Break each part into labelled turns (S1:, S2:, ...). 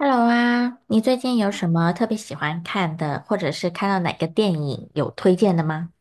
S1: Hello 啊，你最近有什么特别喜欢看的，或者是看到哪个电影有推荐的吗？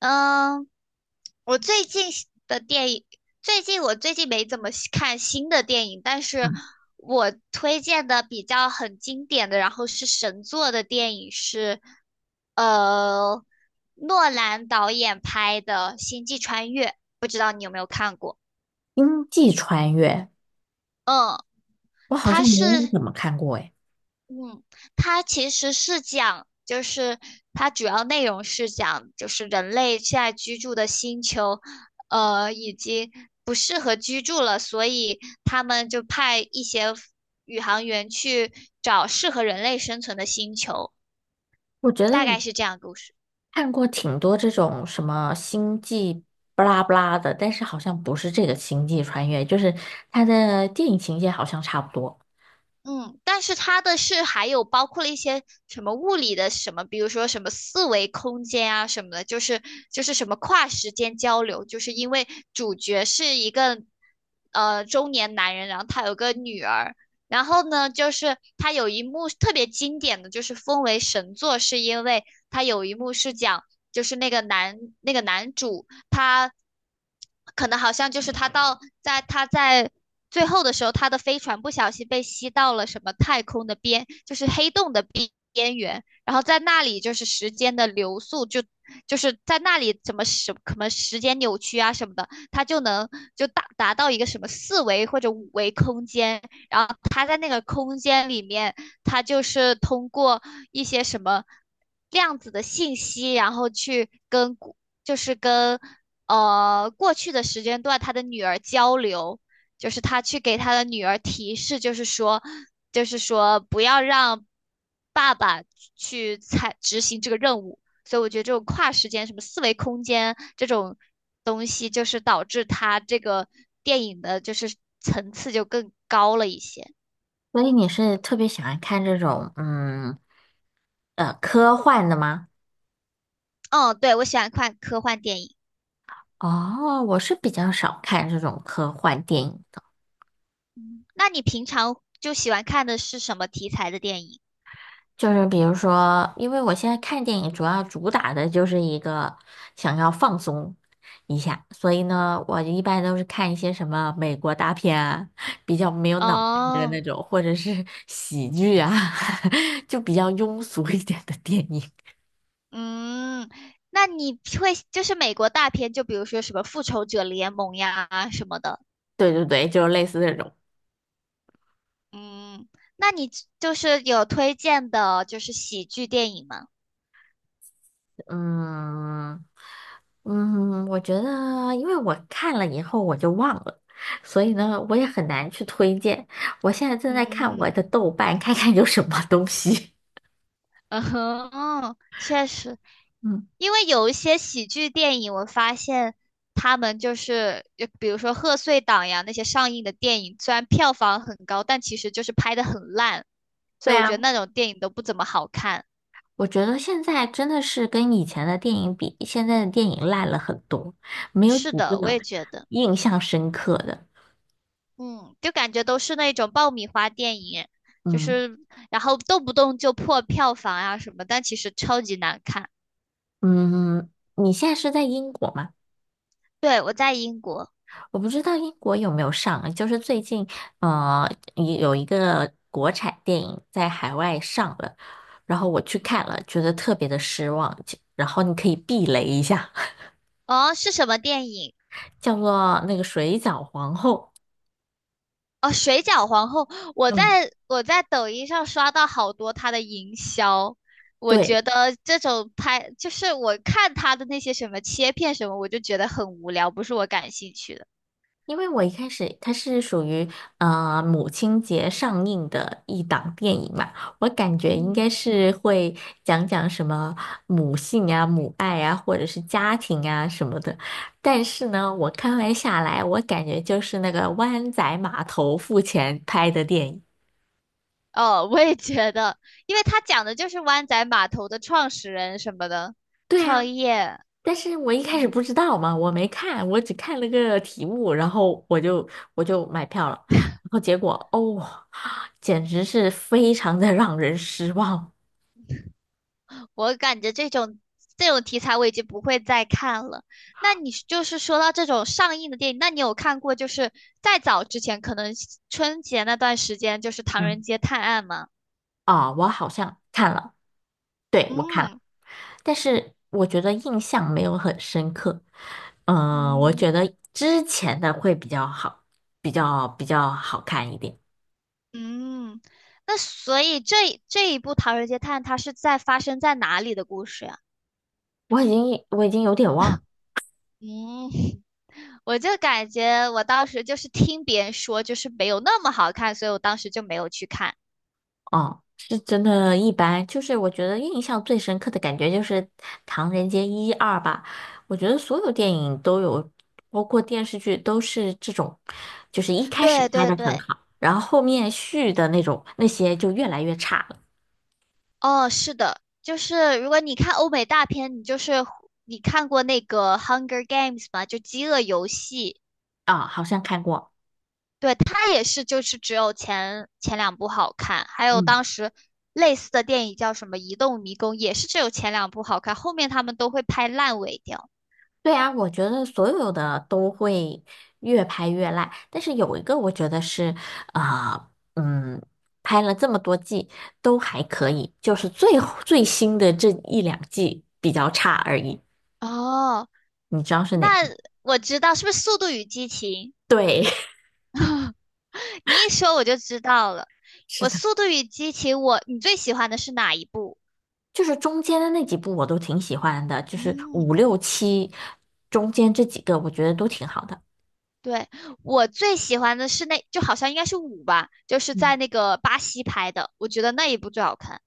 S2: 嗯，我最近喜的电影，最近我没怎么喜看新的电影，但是我推荐的比较很经典的，然后是神作的电影是，呃，诺兰导演拍的《星际穿越》，不知道你有没有看过？
S1: 《星际穿越》，
S2: 嗯，
S1: 我好
S2: 它
S1: 像没
S2: 是
S1: 有怎么看过诶。
S2: 嗯，它其实是讲，它主要内容是讲，就是人类现在居住的星球，呃，已经不适合居住了，所以他们就派一些宇航员去找适合人类生存的星球，
S1: 我觉得
S2: 大
S1: 我
S2: 概是这样的故事。
S1: 看过挺多这种什么星际巴拉巴拉的，但是好像不是这个《星际穿越》，就是它的电影情节好像差不多。
S2: 嗯，但是它的是还有包括了一些什么物理的什么，比如说什么四维空间啊什么的，就是什么跨时间交流，就是因为主角是一个中年男人，然后他有个女儿，然后呢，就是他有一幕特别经典的，就是封为神作，是因为他有一幕是讲就是那个男主他。可能好像就是在他在最后的时候，他的飞船不小心被吸到了什么太空的边，就是黑洞的边缘，然后在那里就是时间的流速就是在那里怎么什么时间扭曲啊什么的，他就能达到一个什么四维或者五维空间，然后他在那个空间里面，他就是通过一些什么量子的信息，然后去跟就是跟过去的时间段他的女儿交流，就是他去给他的女儿提示，就是说不要让爸爸执行这个任务。所以我觉得这种跨时间、什么四维空间这种东西，就是导致他这个电影的就是层次就更高了一些。
S1: 所以你是特别喜欢看这种科幻的吗？
S2: 嗯，对，我喜欢看科幻电影。
S1: 哦，我是比较少看这种科幻电影。
S2: 嗯，那你平常就喜欢看的是什么题材的电影？
S1: 就是比如说，因为我现在看电影主要主打的就是一个想要放松一下，所以呢，我一般都是看一些什么美国大片啊，比较没有脑袋的
S2: 哦。
S1: 那种，或者是喜剧啊，就比较庸俗一点的电影。
S2: 嗯，那你会就是美国大片，就比如说什么《复仇者联盟》呀什么的。
S1: 对对对，就是类似这种。
S2: 嗯，那你就是有推荐的，就是喜剧电影吗？
S1: 嗯嗯，我觉得，因为我看了以后我就忘了，所以呢，我也很难去推荐。我现在正在看我
S2: 嗯，
S1: 的豆瓣，看看有什么东西
S2: 嗯哼，确实，
S1: 嗯，
S2: 因为有一些喜剧电影，我发现他们就是，就比如说贺岁档呀那些上映的电影，虽然票房很高，但其实就是拍的很烂，所
S1: 对
S2: 以我觉
S1: 啊，
S2: 得那种电影都不怎么好看。
S1: 我觉得现在真的是跟以前的电影比，现在的电影烂了很多，没有几
S2: 是的，我
S1: 个
S2: 也觉得。
S1: 印象深刻的。
S2: 嗯，就感觉都是那种爆米花电影，就
S1: 嗯
S2: 是然后动不动就破票房啊什么，但其实超级难看。
S1: 嗯，你现在是在英国吗？
S2: 对，我在英国。
S1: 我不知道英国有没有上啊，就是最近呃有一个国产电影在海外上了，然后我去看了，觉得特别的失望。就然后你可以避雷一下，
S2: 哦，是什么电影？
S1: 叫做那个《水饺皇后》。
S2: 哦，《水饺皇后》，我在
S1: 嗯，
S2: 我在抖音上刷到好多它的营销，我
S1: 对，
S2: 觉得这种拍就是我看它的那些什么切片什么，我就觉得很无聊，不是我感兴趣的。
S1: 因为我一开始它是属于母亲节上映的一档电影嘛，我感觉应
S2: 嗯。
S1: 该是会讲讲什么母性啊、母爱啊，或者是家庭啊什么的。但是呢，我看完下来，我感觉就是那个湾仔码头付钱拍的电影。
S2: 哦，我也觉得，因为他讲的就是湾仔码头的创始人什么的
S1: 对啊。
S2: 创业。
S1: 但是我一开始不
S2: 嗯，
S1: 知道嘛，我没看，我只看了个题目，然后我就买票了，然后结果哦，简直是非常的让人失望。
S2: 我感觉这种题材我已经不会再看了。那你就是说到这种上映的电影，那你有看过就是再早之前，可能春节那段时间就是《唐人
S1: 嗯，
S2: 街探案》吗？
S1: 啊，我好像看了，对，我看了，
S2: 嗯
S1: 但是我觉得印象没有很深刻。嗯、我
S2: 嗯，
S1: 觉得之前的会比较好，比较好看一点。
S2: 嗯。那所以这一部《唐人街探案》它是在发生在哪里的故事呀？
S1: 我已经有点忘了。
S2: 嗯。我就感觉我当时就是听别人说，就是没有那么好看，所以我当时就没有去看。
S1: 哦，是真的一般，就是我觉得印象最深刻的感觉就是《唐人街一二》吧。我觉得所有电影都有，包括电视剧都是这种，就是一开始
S2: 对
S1: 拍
S2: 对
S1: 的很
S2: 对，
S1: 好，然后后面续的那种那些就越来越差了。
S2: 哦，是的，就是如果你看欧美大片，你就是你看过那个《Hunger Games》吗？就《饥饿游戏》。
S1: 啊、好像看过。
S2: 对，它也是，就是只有前两部好看，还有
S1: 嗯。
S2: 当时类似的电影叫什么《移动迷宫》，也是只有前两部好看，后面他们都会拍烂尾掉。
S1: 对啊，我觉得所有的都会越拍越烂，但是有一个我觉得是，呃，嗯，拍了这么多季都还可以，就是最新的这一两季比较差而已。
S2: 哦，
S1: 你知道是
S2: 那
S1: 哪个？
S2: 我知道，是不是《速度与激情》？
S1: 对，
S2: 你一说我就知道了。
S1: 是
S2: 我
S1: 的，
S2: 《速度与激情》我，你最喜欢的是哪一部？
S1: 就是中间的那几部我都挺喜欢的，就是
S2: 嗯，
S1: 五六七中间这几个我觉得都挺好的。
S2: 对，我最喜欢的是那，就好像应该是五吧，就是
S1: 嗯。
S2: 在那个巴西拍的，我觉得那一部最好看。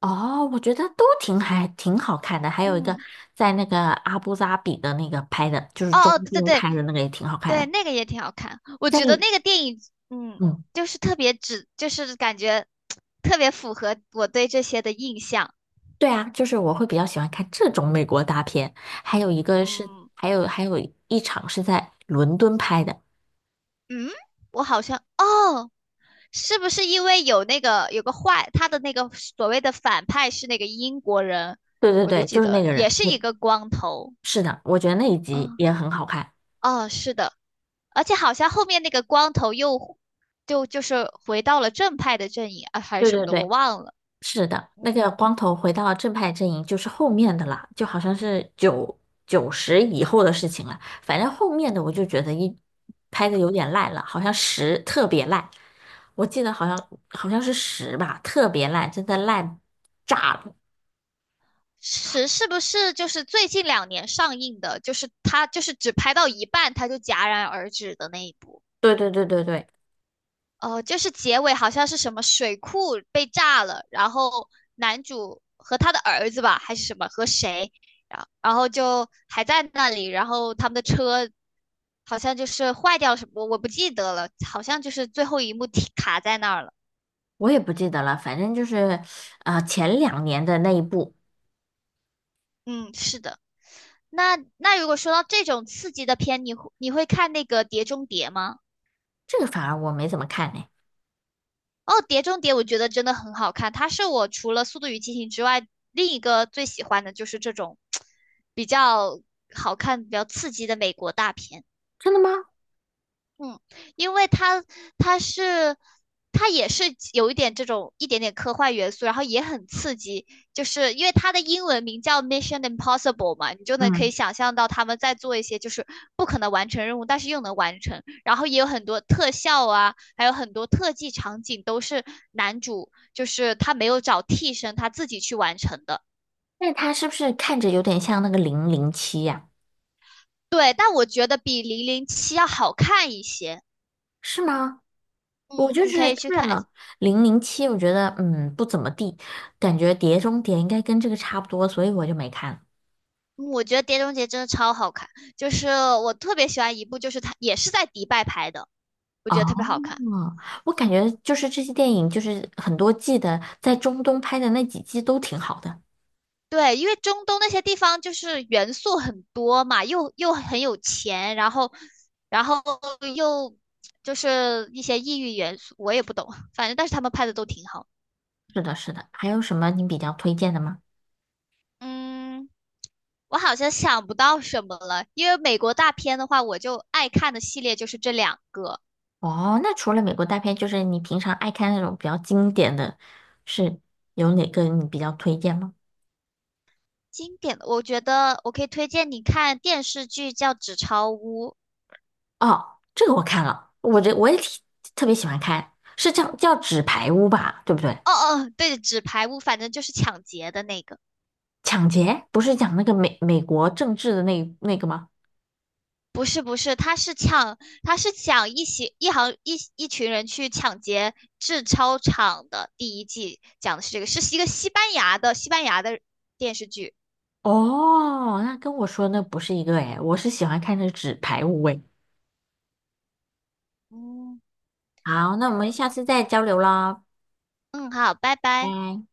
S1: 哦，我觉得都挺还挺好看的，还有一个
S2: 嗯，
S1: 在那个阿布扎比的那个拍的，就是中
S2: 哦哦，对对
S1: 东
S2: 对
S1: 拍的那个也挺好看
S2: 对，
S1: 的。
S2: 那个也挺好看。我
S1: 在
S2: 觉得那个电影，嗯，
S1: 嗯，
S2: 就是特别只，就是感觉特别符合我对这些的印象。
S1: 对啊，就是我会比较喜欢看这种美国大片，还有一个是
S2: 嗯
S1: 还有一场是在伦敦拍的，
S2: 嗯，我好像，哦。是不是因为有那个有个坏，他的那个所谓的反派是那个英国人，
S1: 对对
S2: 我就
S1: 对，就
S2: 记
S1: 是那
S2: 得
S1: 个人，
S2: 也是
S1: 我
S2: 一个光头
S1: 是的，我觉得那一集
S2: 啊。
S1: 也很好看，
S2: 啊哦，是的，而且好像后面那个光头又就是回到了正派的阵营啊，还
S1: 对
S2: 是什么
S1: 对
S2: 的，我
S1: 对，
S2: 忘了。
S1: 是的，那
S2: 嗯，
S1: 个光头回到正派阵营就是后面的了，就好像是九十以后的事情了。反正后面的我就觉得一拍的有点烂了，好像十特别烂，我记得好像是十吧，特别烂，真的烂炸了。
S2: 是是不是就是最近两年上映的，就是他就是只拍到一半他就戛然而止的那一部？
S1: 对对对对对，
S2: 呃，就是结尾好像是什么水库被炸了，然后男主和他的儿子吧，还是什么和谁，然后就还在那里，然后他们的车好像就是坏掉了什么，我不记得了，好像就是最后一幕停卡在那儿了。
S1: 我也不记得了，反正就是前两年的那一部，
S2: 嗯，是的。那那如果说到这种刺激的片，你会看那个《碟中谍》吗？
S1: 这个反而我没怎么看呢。
S2: 哦，《碟中谍》我觉得真的很好看，它是我除了《速度与激情》之外另一个最喜欢的就是这种比较好看、比较刺激的美国大片。
S1: 真的吗？
S2: 嗯，因为它是它也是有一点这种一点点科幻元素，然后也很刺激，就是因为它的英文名叫 Mission Impossible 嘛，你就能可以
S1: 嗯，
S2: 想象到他们在做一些就是不可能完成任务，但是又能完成，然后也有很多特效啊，还有很多特技场景都是男主就是他没有找替身，他自己去完成的。
S1: 那他是不是看着有点像那个零零七呀？
S2: 对，但我觉得比《零零七》要好看一些。
S1: 是吗？我
S2: 嗯，
S1: 就
S2: 你可
S1: 是
S2: 以去
S1: 看
S2: 看。
S1: 了《零零七》，我觉得嗯不怎么地，感觉《碟中谍》应该跟这个差不多，所以我就没看。
S2: 嗯，我觉得《碟中谍》真的超好看，就是我特别喜欢一部，就是它也是在迪拜拍的，我觉得特别
S1: 哦，
S2: 好看。
S1: 我感觉就是这些电影，就是很多季的，在中东拍的那几季都挺好的。
S2: 对，因为中东那些地方就是元素很多嘛，又很有钱，然后又就是一些异域元素，我也不懂，反正但是他们拍的都挺好。
S1: 是的，是的。还有什么你比较推荐的吗？
S2: 嗯，我好像想不到什么了，因为美国大片的话，我就爱看的系列就是这两个。
S1: 哦，那除了美国大片，就是你平常爱看那种比较经典的，是有哪个你比较推荐吗？
S2: 经典的，我觉得我可以推荐你看电视剧叫《纸钞屋》。
S1: 哦，这个我看了，我也挺特别喜欢看，是叫《纸牌屋》吧，对不对？
S2: 哦哦，对，纸牌屋，反正就是抢劫的那个。
S1: 抢劫不是讲那个美国政治的那个吗？
S2: 不是不是，他是抢，他是抢一行一一群人去抢劫制钞厂的。第一季讲的是这个，是一个西班牙的西班牙的电视剧。
S1: 哦，那跟我说那不是一个诶，我是喜欢看那《纸牌屋》诶。
S2: 嗯
S1: 好，那我们下次再交流啦，
S2: 嗯，好，拜拜。
S1: 拜。